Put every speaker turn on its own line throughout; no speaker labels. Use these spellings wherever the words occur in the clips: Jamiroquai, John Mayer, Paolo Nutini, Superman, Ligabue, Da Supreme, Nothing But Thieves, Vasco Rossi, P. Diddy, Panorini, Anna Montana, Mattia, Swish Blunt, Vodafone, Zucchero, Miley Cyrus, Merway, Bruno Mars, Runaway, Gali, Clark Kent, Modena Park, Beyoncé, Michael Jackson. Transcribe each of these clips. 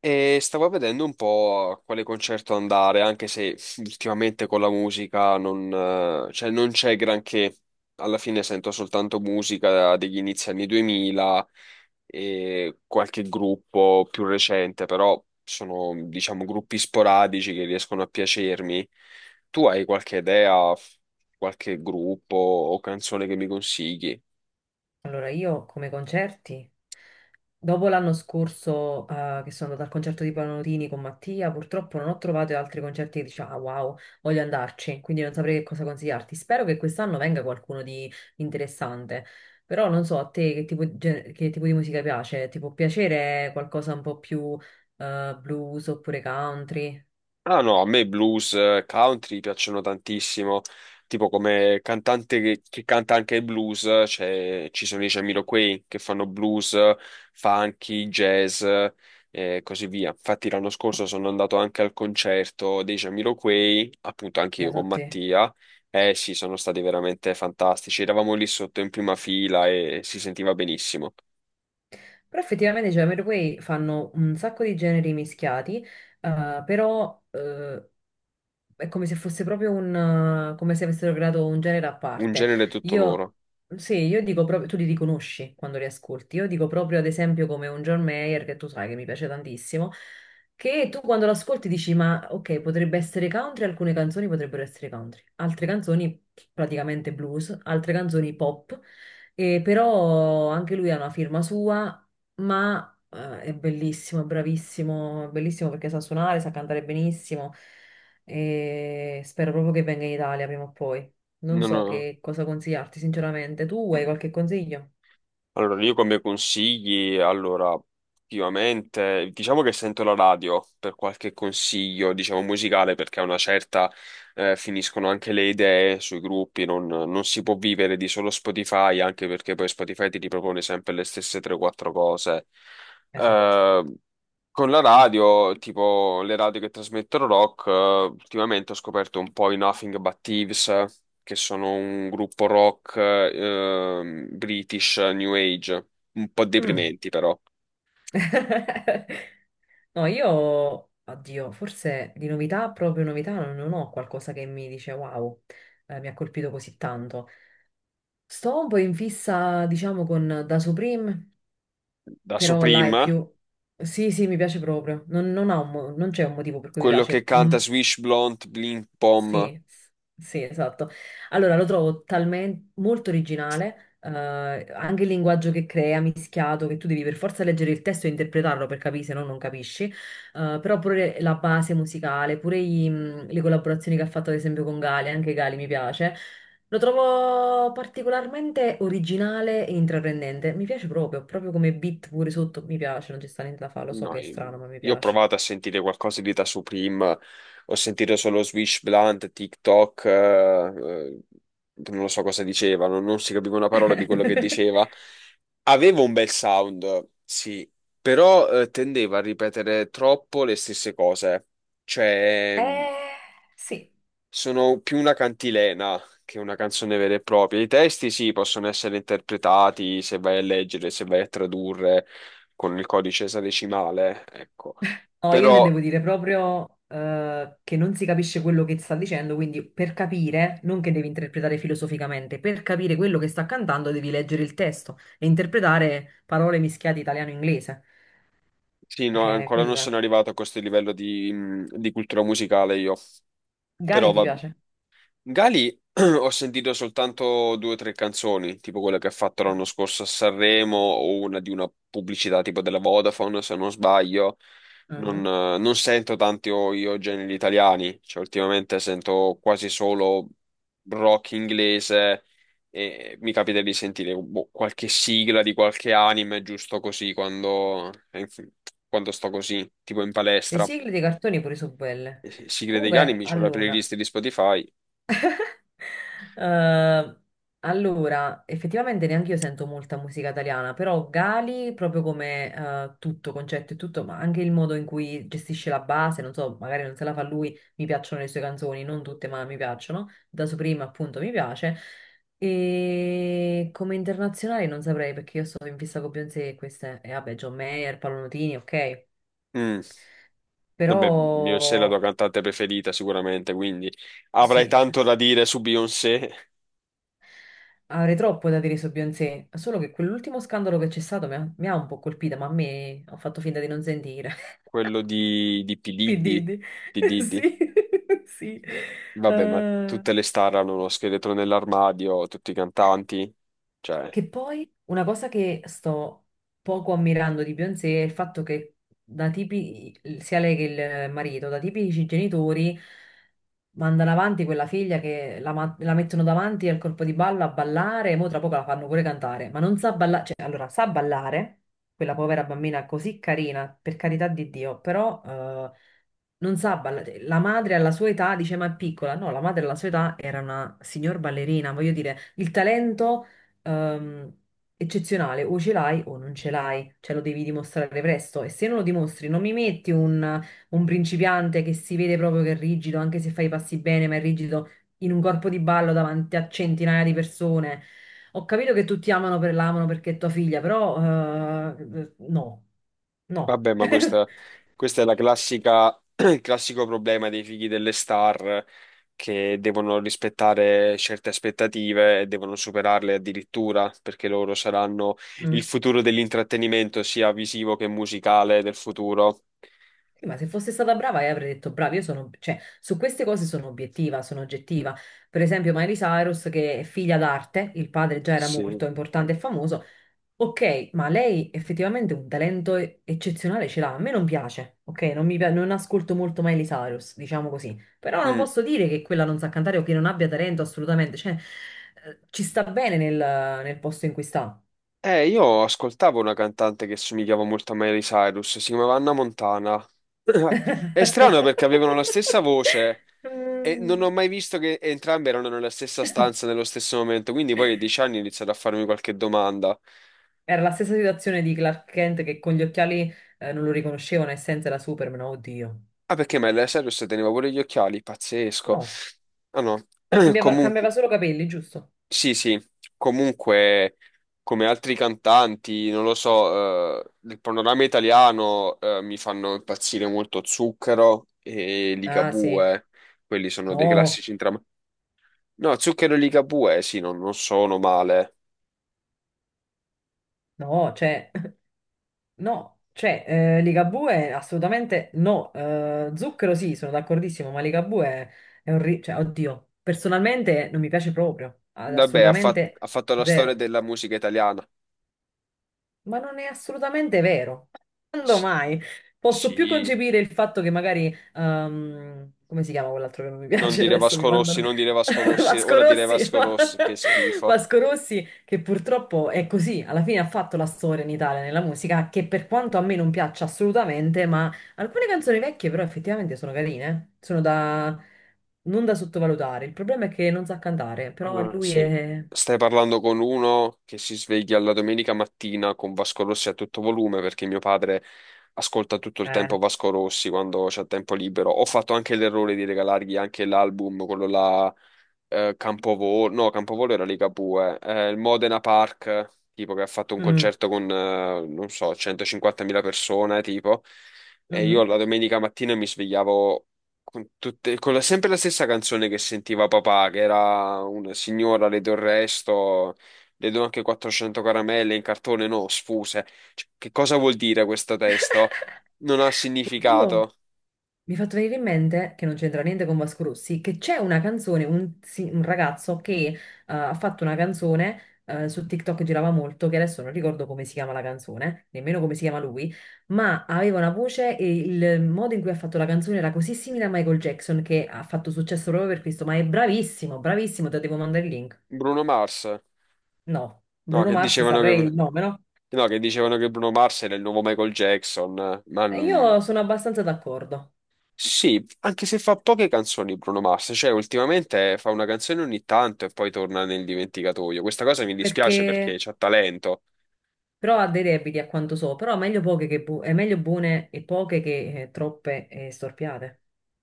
E stavo vedendo un po' a quale concerto andare, anche se ultimamente con la musica non, cioè non c'è granché. Alla fine sento soltanto musica degli inizi anni 2000 e qualche gruppo più recente, però sono, diciamo, gruppi sporadici che riescono a piacermi. Tu hai qualche idea, qualche gruppo o canzone che mi consigli?
Allora, io come concerti, dopo l'anno scorso che sono andata al concerto di Panorini con Mattia, purtroppo non ho trovato altri concerti che dicevo, ah wow, voglio andarci, quindi non saprei che cosa consigliarti. Spero che quest'anno venga qualcuno di interessante, però non so a te che tipo, che tipo di musica piace, ti può piacere qualcosa un po' più blues oppure country?
Ah no, a me blues, country piacciono tantissimo, tipo come cantante che canta anche il blues, ci sono i Jamiroquai che fanno blues, funky, jazz e così via. Infatti l'anno scorso sono andato anche al concerto dei Jamiroquai, appunto anche io
Beato a
con
te.
Mattia, e sì, sono stati veramente fantastici, eravamo lì sotto in prima fila e si sentiva benissimo,
Però effettivamente, cioè, Merway fanno un sacco di generi mischiati, però è come se fosse proprio come se avessero creato un genere a
un
parte.
genere tutto
Io,
loro.
sì, io dico proprio, tu li riconosci quando li ascolti. Io dico proprio, ad esempio, come un John Mayer, che tu sai che mi piace tantissimo, che tu quando lo ascolti dici, ma ok, potrebbe essere country, alcune canzoni potrebbero essere country, altre canzoni praticamente blues, altre canzoni pop, e però anche lui ha una firma sua, ma... È bellissimo, è bravissimo, è bellissimo perché sa suonare, sa cantare benissimo e spero proprio che venga in Italia prima o poi. Non
Non
so
ho-
che cosa consigliarti, sinceramente. Tu hai
Mm.
qualche consiglio?
Allora, io come consigli, allora, ultimamente, diciamo che sento la radio per qualche consiglio, diciamo, musicale, perché a una certa finiscono anche le idee sui gruppi, non si può vivere di solo Spotify, anche perché poi Spotify ti ripropone sempre le stesse 3-4 cose.
Esatto.
Eh, con la radio, tipo le radio che trasmettono rock, ultimamente ho scoperto un po' i Nothing But Thieves, che sono un gruppo rock British New Age, un po'
Mm.
deprimenti però.
No, io, oddio, forse di novità, proprio novità, non ho qualcosa che mi dice wow, mi ha colpito così tanto. Sto un po' in fissa, diciamo, con Da Supreme,
Da
però là è
Supreme,
più... Sì, sì, mi piace proprio. Non ha non c'è un motivo per cui mi
quello che
piace. Mm,
canta Swish Blunt Blink Bomb.
Sì, s- sì, esatto. Allora, lo trovo talmente molto originale, anche il linguaggio che crea, mischiato, che tu devi per forza leggere il testo e interpretarlo per capire, se no non capisci. Però pure la base musicale, le collaborazioni che ha fatto ad esempio con Gali, anche Gali mi piace. Lo trovo particolarmente originale e intraprendente. Mi piace proprio, proprio come beat pure sotto, mi piace, non ci sta niente da fare, lo so
No,
che è strano, ma mi
io ho
piace.
provato a sentire qualcosa di da Supreme, ho sentito solo Swish Blunt, TikTok, non lo so cosa dicevano, non si capiva una parola di quello che diceva. Aveva un bel sound, sì, però tendeva a ripetere troppo le stesse cose. Cioè,
Eh, sì.
sono più una cantilena che una canzone vera e propria. I testi sì, possono essere interpretati se vai a leggere, se vai a tradurre con il codice esadecimale, ecco.
No, io
Però
intendevo dire proprio che non si capisce quello che sta dicendo, quindi per capire, non che devi interpretare filosoficamente, per capire quello che sta cantando devi leggere il testo e interpretare parole mischiate italiano-inglese.
sì, no, ancora non
Quello è.
sono arrivato a questo livello di cultura musicale io. Però
Galli ti
va.
piace?
Gali ho sentito soltanto due o tre canzoni, tipo quella che ha fatto l'anno scorso a Sanremo o una di una pubblicità tipo della Vodafone, se non sbaglio. Non,
Mhm.
eh, non sento tanti io generi italiani, cioè ultimamente sento quasi solo rock inglese e mi capita di sentire boh, qualche sigla di qualche anime giusto così quando, quando sto così, tipo in
Le
palestra.
sigle dei cartoni pure sono belle.
Sigle degli
Comunque,
anime, c'ho la
allora,
playlist di Spotify.
Eh, allora, effettivamente neanche io sento molta musica italiana, però Gali, proprio come tutto, concetto e tutto, ma anche il modo in cui gestisce la base, non so, magari non se la fa lui, mi piacciono le sue canzoni, non tutte, ma mi piacciono. Da Supreme, appunto, mi piace. E come internazionale non saprei perché io sono in fissa con Beyoncé e queste, e vabbè, John Mayer, Paolo Nutini, ok,
Mm.
però
Vabbè, Beyoncé è la tua cantante preferita sicuramente, quindi avrai
sì.
tanto da dire su Beyoncé,
Avrei troppo da dire su Beyoncé, solo che quell'ultimo scandalo che c'è stato mi ha un po' colpita, ma a me ho fatto finta di non sentire.
quello di P.
P.
Diddy,
Diddy.
P. Diddy.
Sì, sì.
Vabbè, ma
Eh,
tutte le star hanno uno scheletro nell'armadio, tutti i cantanti, cioè.
che poi una cosa che sto poco ammirando di Beyoncé è il fatto che da tipi, sia lei che il marito, da tipici genitori, mandano avanti quella figlia che la mettono davanti al corpo di ballo a ballare, e mo tra poco la fanno pure cantare, ma non sa ballare, cioè allora sa ballare, quella povera bambina così carina, per carità di Dio, però non sa ballare. La madre alla sua età dice ma è piccola, no, la madre alla sua età era una signor ballerina, voglio dire, il talento ehm, eccezionale, o ce l'hai o non ce l'hai, cioè lo devi dimostrare presto e se non lo dimostri non mi metti un principiante che si vede proprio che è rigido, anche se fai i passi bene, ma è rigido in un corpo di ballo davanti a centinaia di persone. Ho capito che tutti amano per l'amano perché è tua figlia, però no, no.
Vabbè, ma questa, questa è la classica, il classico problema dei figli delle star che devono rispettare certe aspettative e devono superarle addirittura perché loro saranno il
Mm.
futuro dell'intrattenimento, sia visivo che musicale del futuro.
Ma se fosse stata brava, io avrei detto brava, io sono, cioè, su queste cose sono obiettiva, sono oggettiva. Per esempio, Miley Cyrus, che è figlia d'arte, il padre già era molto
Sì.
importante e famoso. Ok, ma lei effettivamente un eccezionale ce l'ha. A me non piace, ok? Non mi pia- non ascolto molto Miley Cyrus, diciamo così. Però non
Mm.
posso dire che quella non sa cantare o che non abbia talento assolutamente. Cioè, ci sta bene nel posto in cui sta.
Io ascoltavo una cantante che somigliava molto a Miley Cyrus, si chiamava Anna Montana. È strano perché avevano la stessa voce, e non ho
Mm.
mai visto che entrambi erano nella stessa stanza nello stesso momento, quindi poi a 10 anni ho iniziato a farmi qualche domanda.
Era la stessa situazione di Clark Kent che con gli occhiali non lo riconoscevano e senza era Superman, oddio.
Ah, perché Miley Cyrus teneva pure gli occhiali? Pazzesco.
No,
Ah no, comunque,
cambiava solo capelli, giusto?
sì, sì, comunque, come altri cantanti, non lo so, del panorama italiano, mi fanno impazzire molto Zucchero e
Ah, sì.
Ligabue, quelli sono dei
No,
classici entrambi. No, Zucchero e Ligabue, sì, non sono male.
no, cioè, no, cioè, Ligabue assolutamente no. Zucchero sì, sono d'accordissimo, ma è un... cioè, oddio, personalmente non mi piace proprio,
Vabbè, ha
assolutamente
fatto la storia
zero.
della musica italiana.
Ma non è assolutamente vero. Quando
Sì,
mai? Posso più
sì.
concepire il fatto che magari, come si chiama quell'altro che non mi
Non
piace?
dire
Adesso mi
Vasco
mandano
Rossi, non dire Vasco Rossi,
Vasco
ora dire
Rossi,
Vasco Rossi, che schifo.
Vasco Rossi, che purtroppo è così, alla fine ha fatto la storia in Italia nella musica, che per quanto a me non piaccia assolutamente, ma alcune canzoni vecchie però effettivamente sono carine, sono da... non da sottovalutare. Il problema è che non sa cantare, però
Allora,
lui
sì,
è...
stai parlando con uno che si sveglia la domenica mattina con Vasco Rossi a tutto volume perché mio padre ascolta tutto il
Eh,
tempo Vasco Rossi quando c'è tempo libero. Ho fatto anche l'errore di regalargli anche l'album, quello là, Campovolo, no, Campovolo era Ligabue, il Modena Park, tipo che ha fatto un
mm,
concerto con, non so, 150.000 persone, tipo, e io
mhm.
la domenica mattina mi svegliavo con, sempre la stessa canzone che sentiva papà, che era una signora, le do il resto, le do anche 400 caramelle in cartone, no, sfuse. Cioè, che cosa vuol dire questo testo? Non ha
Dio.
significato.
Mi fa fatto venire in mente, che non c'entra niente con Vasco Rossi, che c'è una canzone, un ragazzo che ha fatto una canzone su TikTok, girava molto, che adesso non ricordo come si chiama la canzone, nemmeno come si chiama lui, ma aveva una voce e il modo in cui ha fatto la canzone era così simile a Michael Jackson che ha fatto successo proprio per questo, ma è bravissimo, bravissimo, te devo mandare il link.
Bruno Mars?
No,
No,
Bruno
che
Mars
dicevano
saprei il nome,
che,
no?
no, che dicevano che Bruno Mars era il nuovo Michael Jackson, ma.
E io sono abbastanza d'accordo,
Sì, anche se fa poche canzoni Bruno Mars, cioè ultimamente fa una canzone ogni tanto e poi torna nel dimenticatoio. Questa cosa mi dispiace perché
perché
c'ha talento.
però ha dei debiti a quanto so, però meglio poche che bu- è meglio buone e poche che troppe e storpiate.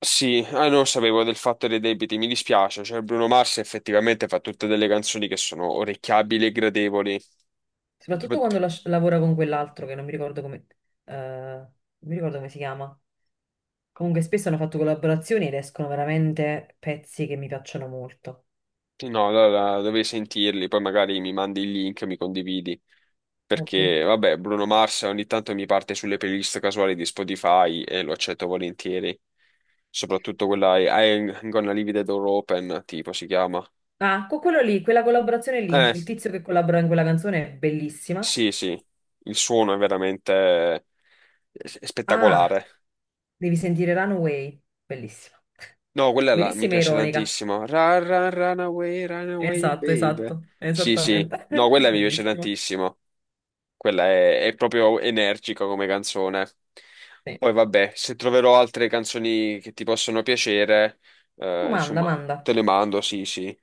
Sì, ah, non sapevo del fatto dei debiti, mi dispiace, cioè Bruno Mars effettivamente fa tutte delle canzoni che sono orecchiabili e gradevoli. Tipo.
Soprattutto quando lavora con quell'altro che non mi ricordo come, non mi ricordo come si chiama. Comunque spesso hanno fatto collaborazioni ed escono veramente pezzi che mi piacciono molto,
No, allora dovrei sentirli, poi magari mi mandi il link, mi condividi,
ovvio.
perché vabbè, Bruno Mars ogni tanto mi parte sulle playlist casuali di Spotify e lo accetto volentieri, soprattutto quella I'm Gonna Leave the Door Open, tipo si chiama.
Ah, con quello lì, quella collaborazione lì,
Eh,
il tizio che collabora in quella canzone è bellissima.
sì, sì, il suono è veramente
Ah,
spettacolare.
devi sentire Runaway, bellissima.
No, quella là mi
Bellissima e
piace
ironica.
tantissimo. Run, run, run away,
Esatto,
babe.
esatto,
Sì, sì.
esattamente.
No, quella mi piace
Bellissima.
tantissimo. Quella è proprio energica come canzone.
Sì.
Poi vabbè, se troverò altre canzoni che ti possono piacere,
Tu manda,
insomma,
manda.
te le mando, sì, sì.